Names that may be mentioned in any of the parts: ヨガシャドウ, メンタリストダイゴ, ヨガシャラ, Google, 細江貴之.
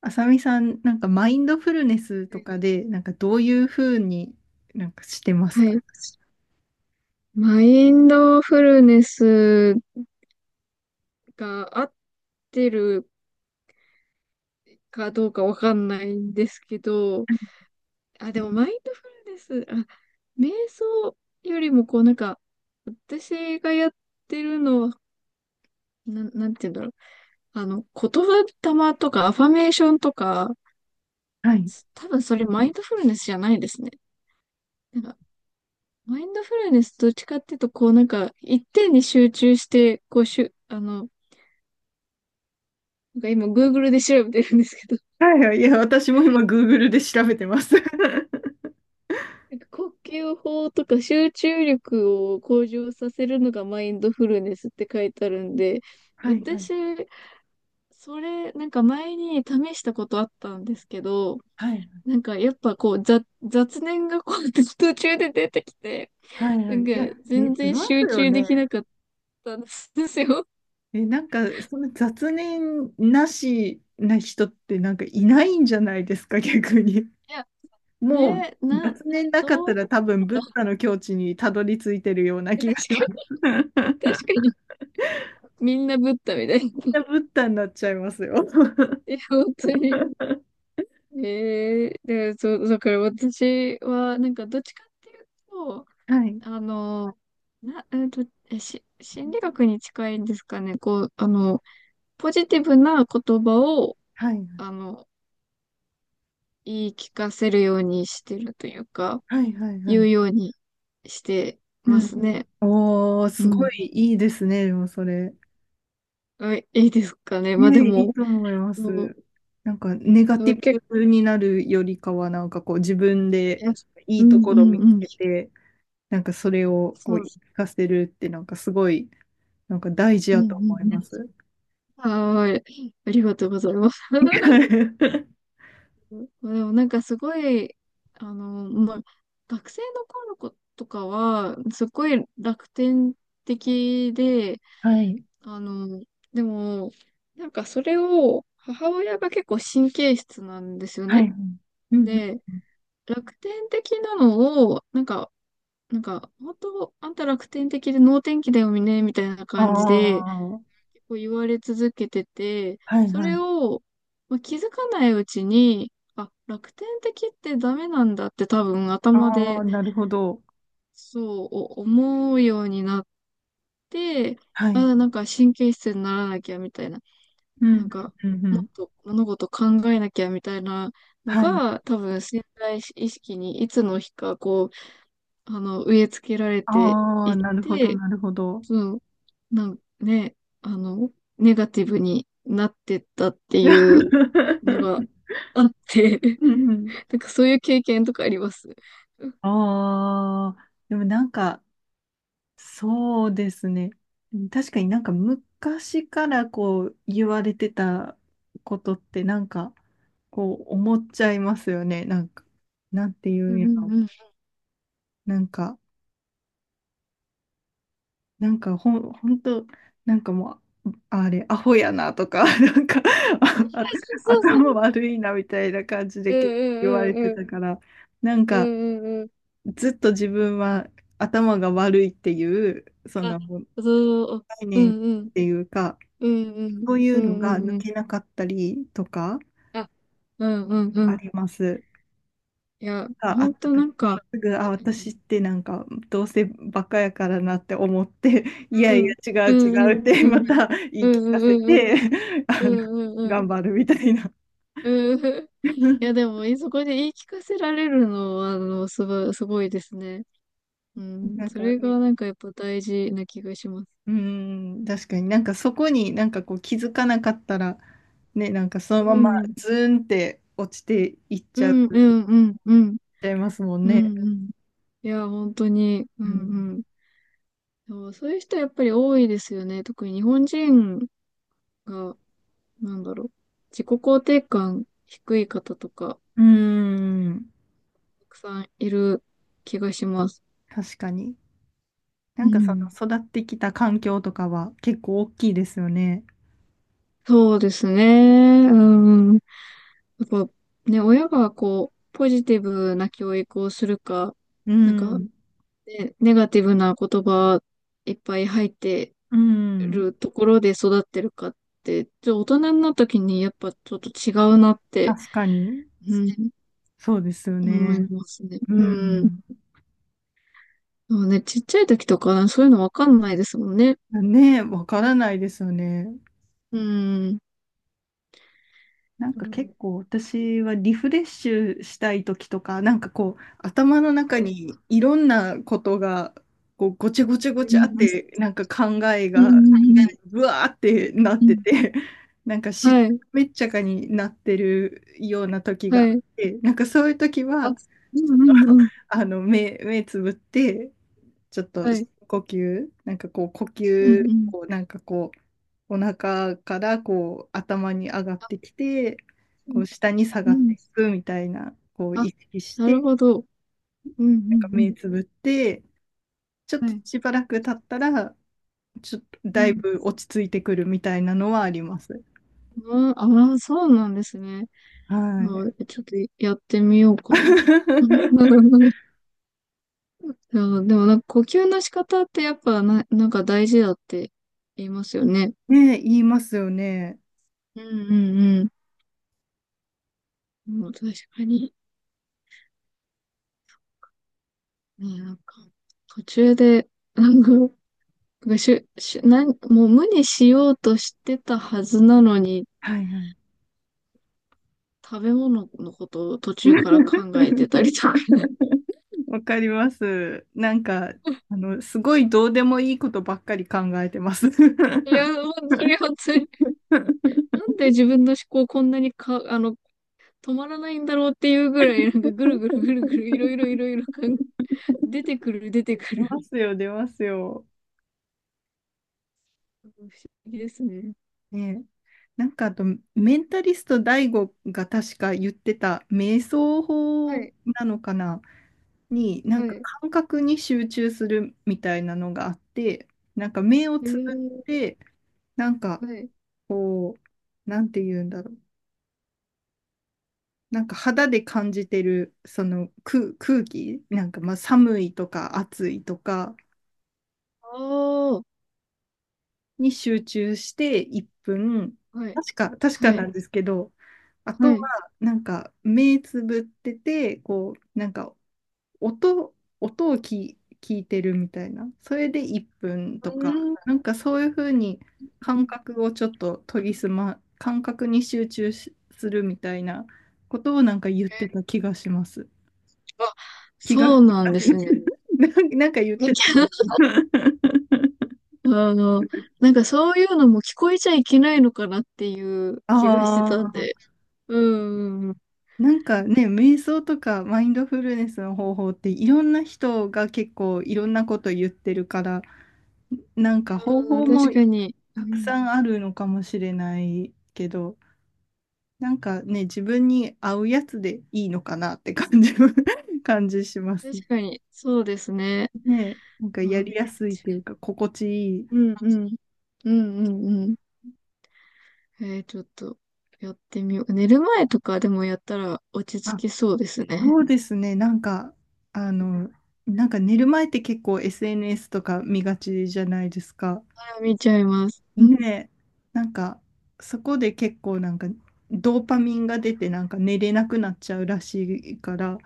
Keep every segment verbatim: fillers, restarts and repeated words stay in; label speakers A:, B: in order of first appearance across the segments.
A: あさみさん、なんかマインドフルネスとかで、なんかどういうふうになんかしてます
B: はい。
A: か？
B: マインドフルネスが合ってるかどうかわかんないんですけど、あ、でもマインドフルネス、あ、瞑想よりもこうなんか、私がやってるのは、なん、なんて言うんだろう。あの、言葉霊とかアファメーションとか、
A: はい。
B: 多分それマインドフルネスじゃないですね。なんか、マインドフルネスどっちかっていうと、こうなんか、一点に集中して、こうしゅ、あの、なんか今 Google で調べてるんですけど、
A: はいはい。いや、私も今、グーグル で調べてます。
B: なんか呼吸法とか集中力を向上させるのがマインドフルネスって書いてあるんで、
A: はいはい。
B: 私、それ、なんか前に試したことあったんですけど、
A: はい
B: なんかやっぱこう雑、雑念がこう 途中で出てきて、
A: はい。はいは
B: な
A: い。
B: んか
A: いや、で、
B: 全
A: 出
B: 然
A: ます
B: 集
A: よ
B: 中で
A: ね。
B: きなかったんですよ。
A: え、なんか、その雑念なしな人ってなんかいないんじゃないですか、逆に。
B: いや、
A: もう、
B: ねえ、な、な、
A: 雑念なかっ
B: どう
A: た
B: や
A: ら
B: っ
A: 多分、ブ
B: た
A: ッ
B: ら、
A: ダの境地にたどり着いてるような 気がし
B: 確か
A: ます。
B: に、確かに、みんなブッダみたい
A: みん
B: な。
A: なブッダになっちゃいますよ。
B: いや、本当に。ええで、そう、だから私は、なんか、どっちかっていうと、
A: はい。
B: あの、な、えっと、えし、心理学に近いんですかね。こう、あの、ポジティブな言葉を、
A: はい
B: あの、言い聞かせるようにしてるというか、
A: はいはいはい
B: 言
A: は
B: う
A: い。
B: ようにして
A: う
B: ま
A: んう
B: すね。
A: ん。おー、す
B: う
A: ご
B: ん。
A: いいいですね、でもそれ。
B: あ、いいですかね。まあで
A: ね、いい
B: も、
A: と思いま
B: そう、
A: す。なんか、ネガ
B: そ
A: テ
B: う
A: ィ
B: 結
A: ブになるよりかは、なんかこう、自分でい
B: 構、う
A: いと
B: ん
A: こ
B: う
A: ろ見つ
B: んうん。
A: けて、なんかそれをこ
B: そ
A: う、
B: う、
A: 活かせるって、なんかすごい、なんか大事
B: うん
A: や
B: う
A: と
B: ん
A: 思います。
B: うん。はーい。ありがとうございます。まあでもなんかすごい、あの、まあ、学生の頃の子とかは、すごい楽天的で、
A: はい。
B: あの、でも、なんかそれを、母親が結構神経質なんですよ
A: はい。
B: ね。
A: うんうん。
B: で、楽天的なのを、なんか、なんか、本当、あんた楽天的で能天気だよね、みたいな
A: あ
B: 感じで、
A: あ、
B: こう言われ続けてて、
A: はい
B: そ
A: は
B: れ
A: い。
B: をまあ気づかないうちに、あ、楽天的ってダメなんだって多分頭
A: ああ、
B: で
A: なるほど。
B: そうお思うようになって、
A: はい。
B: あ、なんか神経質にならなきゃみたいな、
A: う
B: な
A: ん、
B: んか
A: うん、うん。う
B: もっ
A: ん、
B: と物事考えなきゃみたいなの
A: はい。
B: が多分潜在意識にいつの日かこう、あの、植え付けられて
A: あ
B: い
A: あ、
B: っ
A: なるほど、
B: て、
A: なるほど。
B: そう、なんね、あの、ネガティブになってったっていうのが あって、
A: うん、
B: なんかそういう経験とかあります。うん
A: ああー、でもなんか、そうですね。確かになんか昔からこう言われてたことってなんかこう思っちゃいますよね。なんか、なんてい
B: う
A: う
B: ん
A: んや
B: う
A: ろ。
B: んう
A: なんか、なんかほん、ほんと、なんかもう、あれ、アホやなとか、なんかあ あ
B: そうそうそ
A: 頭悪いなみたいな感じで
B: う。う
A: 結構言わ
B: ん
A: れ
B: うんう
A: て
B: んうん。
A: たから、なん
B: うん
A: か、
B: うんうん。
A: ずっと自分は頭が悪いっていう、そ
B: あ、
A: の概
B: そう、う
A: 念っ
B: んうん。
A: ていうか、
B: うんうん。
A: そうい
B: う
A: うの
B: んう
A: が
B: ん
A: 抜
B: うん。
A: けなかったりとか
B: あ、うんうんう
A: あ
B: ん。
A: ります。
B: いや、
A: が
B: ほ
A: あっ
B: ん
A: た
B: とな
A: 時
B: ん
A: に、
B: か、
A: すぐ、あ、私ってなんか、どうせバカやからなって思って、いや
B: う
A: いや、
B: ん、
A: 違
B: う
A: う
B: んう
A: 違うっ
B: ん
A: て、
B: う
A: ま
B: ん。
A: た言
B: う
A: い聞
B: んう
A: かせ
B: んうん。
A: て、
B: う
A: あ
B: ん
A: の、
B: うんうん。う
A: 頑
B: ん
A: 張るみたいな。
B: うんうん。いや、で も、えそこで言い聞かせられるのは、あの、すごい、すごいですね。うん。
A: なん
B: そ
A: か
B: れ
A: ね、
B: がなんかやっぱ大事な気がします。
A: うーん、確かになんかそこになんかこう気づかなかったら、ね、なんかその
B: う
A: まま
B: ん。
A: ズーンって落ちていっ
B: う
A: ちゃう、
B: ん、う
A: いっ
B: ん、うん、うん、
A: ちゃいますもん
B: う
A: ね。
B: ん、うん。いや、本当に、う
A: うん。
B: ん、うん。でもそういう人やっぱり多いですよね。特に日本人が、なんだろう、自己肯定感低い方とか、
A: うーん、
B: たくさんいる気がします。
A: 確かに。な
B: う
A: んかそ
B: ん。
A: の育ってきた環境とかは結構大きいですよね。
B: そうですね。うん。やっぱね、親がこう、ポジティブな教育をするか、
A: う
B: なんか、
A: ん。
B: ね、ネガティブな言葉いっぱい入って
A: うん。
B: るところで育ってるかって、ちょっと大人になった時にやっぱちょっと違うなって、
A: 確かに。
B: うん、
A: そうですよ
B: 思い
A: ね。
B: ますね。
A: う
B: うん。
A: ん。
B: そうね、ちっちゃい時とかそういうのわかんないですもんね。
A: ね、わからないですよね。
B: うん。
A: なん
B: そ
A: か
B: れ
A: 結
B: も
A: 構私はリフレッシュしたい時とか、なんかこう頭の
B: は
A: 中
B: い。
A: にいろんなことがこうごちゃごちゃご
B: う
A: ちゃっ
B: ん。
A: て、なんか考え
B: う
A: がな
B: ん。
A: ぶわーってなっ
B: う
A: て
B: ん。
A: て、なんかし
B: は
A: っ
B: い。
A: めっちゃかになってるような時が
B: は
A: あっ
B: い。
A: て、なんかそういう時
B: あ、う
A: は、
B: ん
A: ちょっと
B: うんうん。
A: あの目、目つぶって、ちょっと
B: は
A: 深
B: い。
A: 呼吸、なんかこう呼
B: うん
A: 吸
B: うん。
A: をなんかこう、お腹からこう頭に上がっ
B: あ、
A: てきて、
B: う
A: こ
B: ん。
A: う下に下
B: う
A: がって
B: ん。
A: いくみたいな、こう
B: あ、
A: 意識し
B: なる
A: て、
B: ほど。うんう
A: なんか目
B: ん
A: つぶって、ちょっ
B: うん。
A: と
B: はい。
A: しばらく経ったら、ちょっと
B: う
A: だい
B: ん。
A: ぶ落ち着いてくるみたいなのはあります。
B: ああー、そうなんですね。
A: は
B: あ
A: い。
B: ー、ちょっとやってみようかな。あ ーでもなんか呼吸の仕方ってやっぱな、なんか大事だって言いますよね。
A: ねえ、言いますよね。
B: うんうんうん。もう確かに。ね、なんか、途中で、なんか、なんかしゅ、しゅ、なん、もう無にしようとしてたはずなのに、
A: はいはい。
B: 食べ物のことを途中から 考えてたりとか。
A: わかります。なんか、あの、すごいどうでもいいことばっかり考えてます。
B: いや、もうそれは辛なんで自分の思考こんなにか、あの、止まらないんだろうっていうぐらい、なんかぐるぐるぐるぐるいろいろいろいろ考え出てくる出てく
A: 出
B: る。
A: ますよ、出ますよ。
B: うん不思議ですね。
A: ね、なんかあと、メンタリストダイゴが確か言ってた瞑想
B: は
A: 法
B: い、
A: なのかなに、なん
B: は
A: か
B: い。
A: 感覚に集中するみたいなのがあって、なんか目を
B: え
A: つぶ
B: ー、
A: って、なんか
B: はい。
A: こう、なんて言うんだろう。なんか肌で感じてるその空、空気、なんかまあ寒いとか暑いとか、
B: ああ、は
A: に集中していっぷん、
B: い、
A: 確か、確か
B: は
A: な
B: い、
A: んですけど、あと
B: は
A: は、
B: い。
A: なんか、目つぶってて、こう、なんか、音、音を聞い、聞いてるみたいな、それでいっぷんと
B: う
A: か、
B: ん。
A: なんかそういうふうに感覚をちょっと研ぎ澄ま、感覚に集中しするみたいなことをなんか言ってた気がします。
B: あ、
A: 気が、なん
B: そ
A: か
B: うなんですね。
A: なんか言ってた。
B: あの、なんかそういうのも聞こえちゃいけないのかなっていう 気がしてたん
A: あ、
B: で。うん、うん
A: なんかね、瞑想とかマインドフルネスの方法っていろんな人が結構いろんなこと言ってるから、なんか方
B: うん、うん
A: 法
B: 確
A: も
B: かに。う
A: たく
B: ん、
A: さんあるのかもしれないけど、なんかね、自分に合うやつでいいのかなって感じ、感じします。
B: 確かに、そうですね。
A: ね、なんかやりや
B: あ、
A: すいっていうか、心地いい。
B: うんうん。うんうんうん。えー、ちょっとやってみよう。寝る前とかでもやったら落ち着
A: あ、
B: きそうですね。
A: そうですね、なんか、あの、なんか寝る前って結構 エスエヌエス とか見がちじゃないですか。
B: あ見ちゃいます。うん
A: ねえ、なんか、そこで結構なんか、ドーパミンが出て、なんか寝れなくなっちゃうらしいから、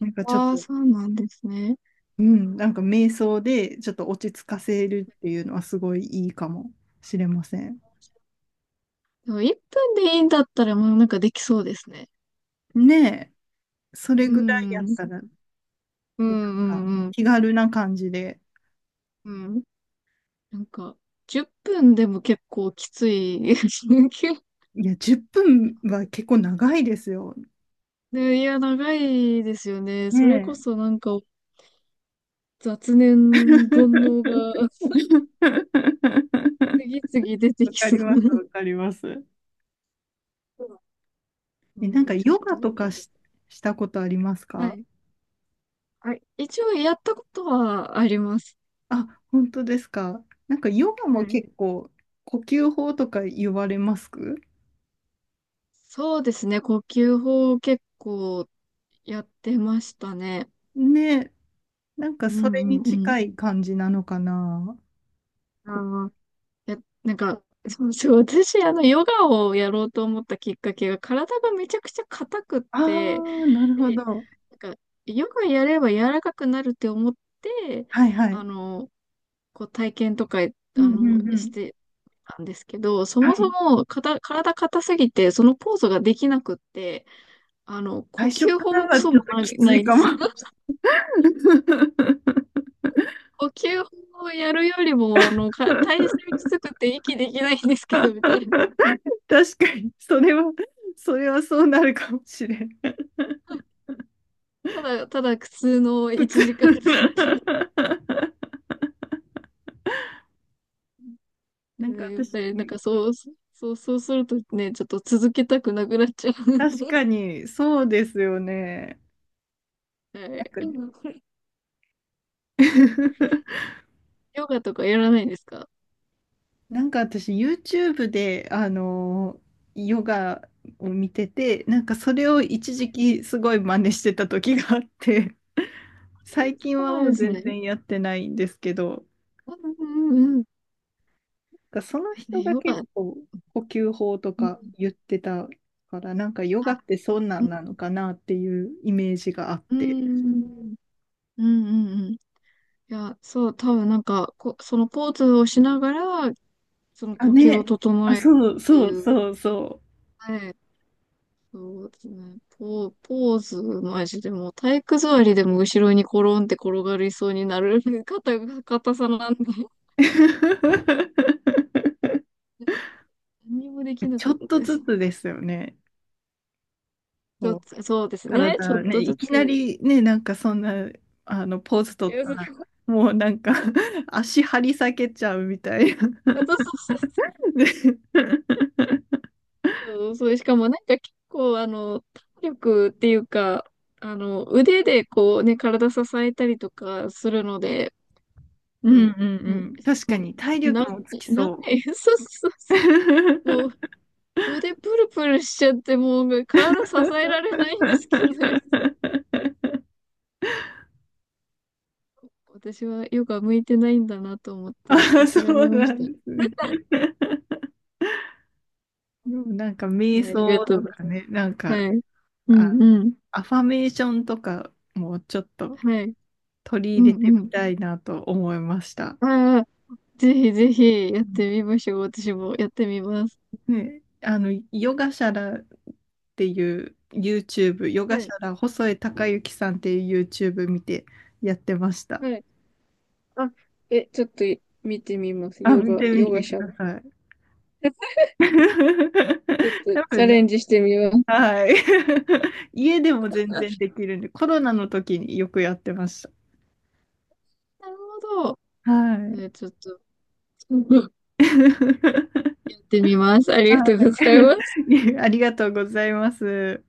A: なんかちょっ
B: ああ、
A: と、
B: そうなんですね。
A: うん、なんか瞑想でちょっと落ち着かせるっていうのはすごいいいかもしれません。
B: でもいっぷんでいいんだったらもうなんかできそうですね。
A: ねえ、それ
B: う
A: ぐらいや
B: ん。
A: っ
B: うん
A: たら、で、
B: う
A: なん
B: ん
A: か
B: うん。
A: 気軽な感じで、
B: うん。なんかじゅっぷんでも結構きつい。
A: いや、じゅっぷんは結構長いですよ。
B: で、いや、長いですよね。それ
A: ね
B: こそ
A: え。
B: なんか雑念、煩悩が 次々出て
A: わ
B: き
A: か
B: そ
A: ります、わかります。
B: う。
A: え、なんか
B: 僕ちょっ
A: ヨガと
B: と、
A: かし、したことあります
B: は
A: か？
B: い。あ、一応やったことはあります。
A: あ、本当ですか。なんかヨガも
B: はい。
A: 結構呼吸法とか言われます。
B: そうですね。呼吸法を結構やってましたね。
A: ね、なんか
B: う
A: それ
B: ん
A: に
B: うんうん。
A: 近い感じなのかな。
B: あ
A: こ、
B: あ、や、なんか、そうそう。私、あの、ヨガをやろうと思ったきっかけが、体がめちゃくちゃ硬くっ
A: あ
B: て、
A: あ、なるほ
B: で、
A: ど。
B: なんか、ヨガやれば柔らかくなるって思って、
A: はいは
B: あ
A: い。
B: の、こう体験とか、
A: う
B: あ
A: んうん
B: の、
A: う
B: し
A: ん。
B: て、なんですけど、そ
A: は
B: もそ
A: い。
B: もかた体硬すぎて、そのポーズができなくって、あの、呼
A: 最初
B: 吸
A: か
B: 法
A: ら
B: もク
A: は
B: ソ
A: ち
B: も
A: ょっと
B: ない、
A: きつ
B: な
A: い
B: いで
A: か
B: す。
A: も。
B: 呼吸法をやるよりも、あの、か、体勢きつくて息できないんですけど、みたいな。
A: 確かに、それは、それはそうなるかもしれん。
B: ただ、ただ苦痛のいちじかんだったので。う
A: なんか
B: んやっぱりなん
A: 私、
B: かそう、そう、そうするとね、ちょっと続けたくなくなっちゃうん
A: 確
B: で。
A: かに、そうですよね。
B: は
A: なんか
B: い。ヨガとかやらないんですか？
A: なんか私、ユーチューブ で、あの、ヨガを見てて、なんかそれを一時期すごい真似してた時があって、最近
B: そう
A: は
B: なん
A: も
B: で
A: う
B: す
A: 全
B: ね。
A: 然やってないんですけど、
B: うんうんうん。い
A: なんかその
B: や
A: 人
B: ね、
A: が
B: ヨ
A: 結
B: ガ。
A: 構呼吸法と
B: うん。
A: か言ってたから、なんかヨガ
B: あ、
A: ってそんな
B: う
A: ん
B: ん。
A: なのかなっていうイメージがあっ
B: う
A: て。
B: んうんうんうん。いや、そう、多分なんか、こ、そのポーズをしながら、その
A: あ、
B: 呼吸を
A: ね。あ、
B: 整える
A: そう
B: ってい
A: そう
B: う。
A: そうそ
B: はい。そうですね。ポ、ポーズ、マジでもう体育座りでも後ろにコロンって転がりそうになる 硬が、硬さなんで、
A: う。
B: 何もでき な
A: ちょ
B: かっ
A: っ
B: た
A: と
B: で
A: ず
B: す。
A: つですよね。
B: ちょっ
A: こう
B: と、そうですね。ちょっ
A: 体ね、
B: とず
A: いきな
B: つ。
A: りね、なんかそんな、あの、ポーズ
B: い
A: 取っ
B: や、
A: た
B: そう、
A: ら、もうなんか 足張り裂けちゃうみたいな。ね、
B: そうそうそう、しかもなんか結構、あの、体力っていうか、あの、腕でこうね、体支えたりとかするので、
A: う
B: う
A: んう
B: ん、
A: ん
B: うん、
A: うん。確かに、体
B: な、
A: 力もつき
B: 長
A: そ
B: い。そうそう
A: う。
B: そう。もう腕プルプルしちゃって、もうね体支えられないんですけど、私はヨガ向いてないんだなと思って
A: あ、そ
B: 諦
A: う
B: めま
A: な
B: し
A: ん
B: た。
A: ですね。でもなんか、
B: い
A: 瞑
B: や、ありが
A: 想
B: と
A: と
B: うござい
A: か
B: ま
A: ね、なん
B: す。
A: か、
B: はい。う
A: あ、
B: んうん。
A: アファメーションとかもちょっと
B: はい。
A: 取り
B: う
A: 入れて
B: んう
A: み
B: ん。
A: たいなと思いました。
B: ああ、ぜひぜひやってみましょう。私もやってみます。
A: ね、あの、ヨガシャラっていう YouTube、ヨ
B: は
A: ガシャ
B: い。
A: ラ細江貴之さんっていう YouTube 見てやってました。
B: はい。あ、え、ちょっと見てみます。
A: あ、
B: ヨ
A: 見
B: ガ、
A: て
B: ヨ
A: みて
B: ガ
A: く
B: シャド
A: だ
B: ウ。
A: さい。
B: ちょっ
A: 多
B: とチャ
A: 分ね、
B: レンジしてみます。
A: はい。家でも全然できるんで、コロナの時によくやってまし
B: なるほど。
A: た。は
B: ね、
A: い。
B: ちょっと。やってみます。ありがとう
A: は
B: ございます。
A: い。ありがとうございます。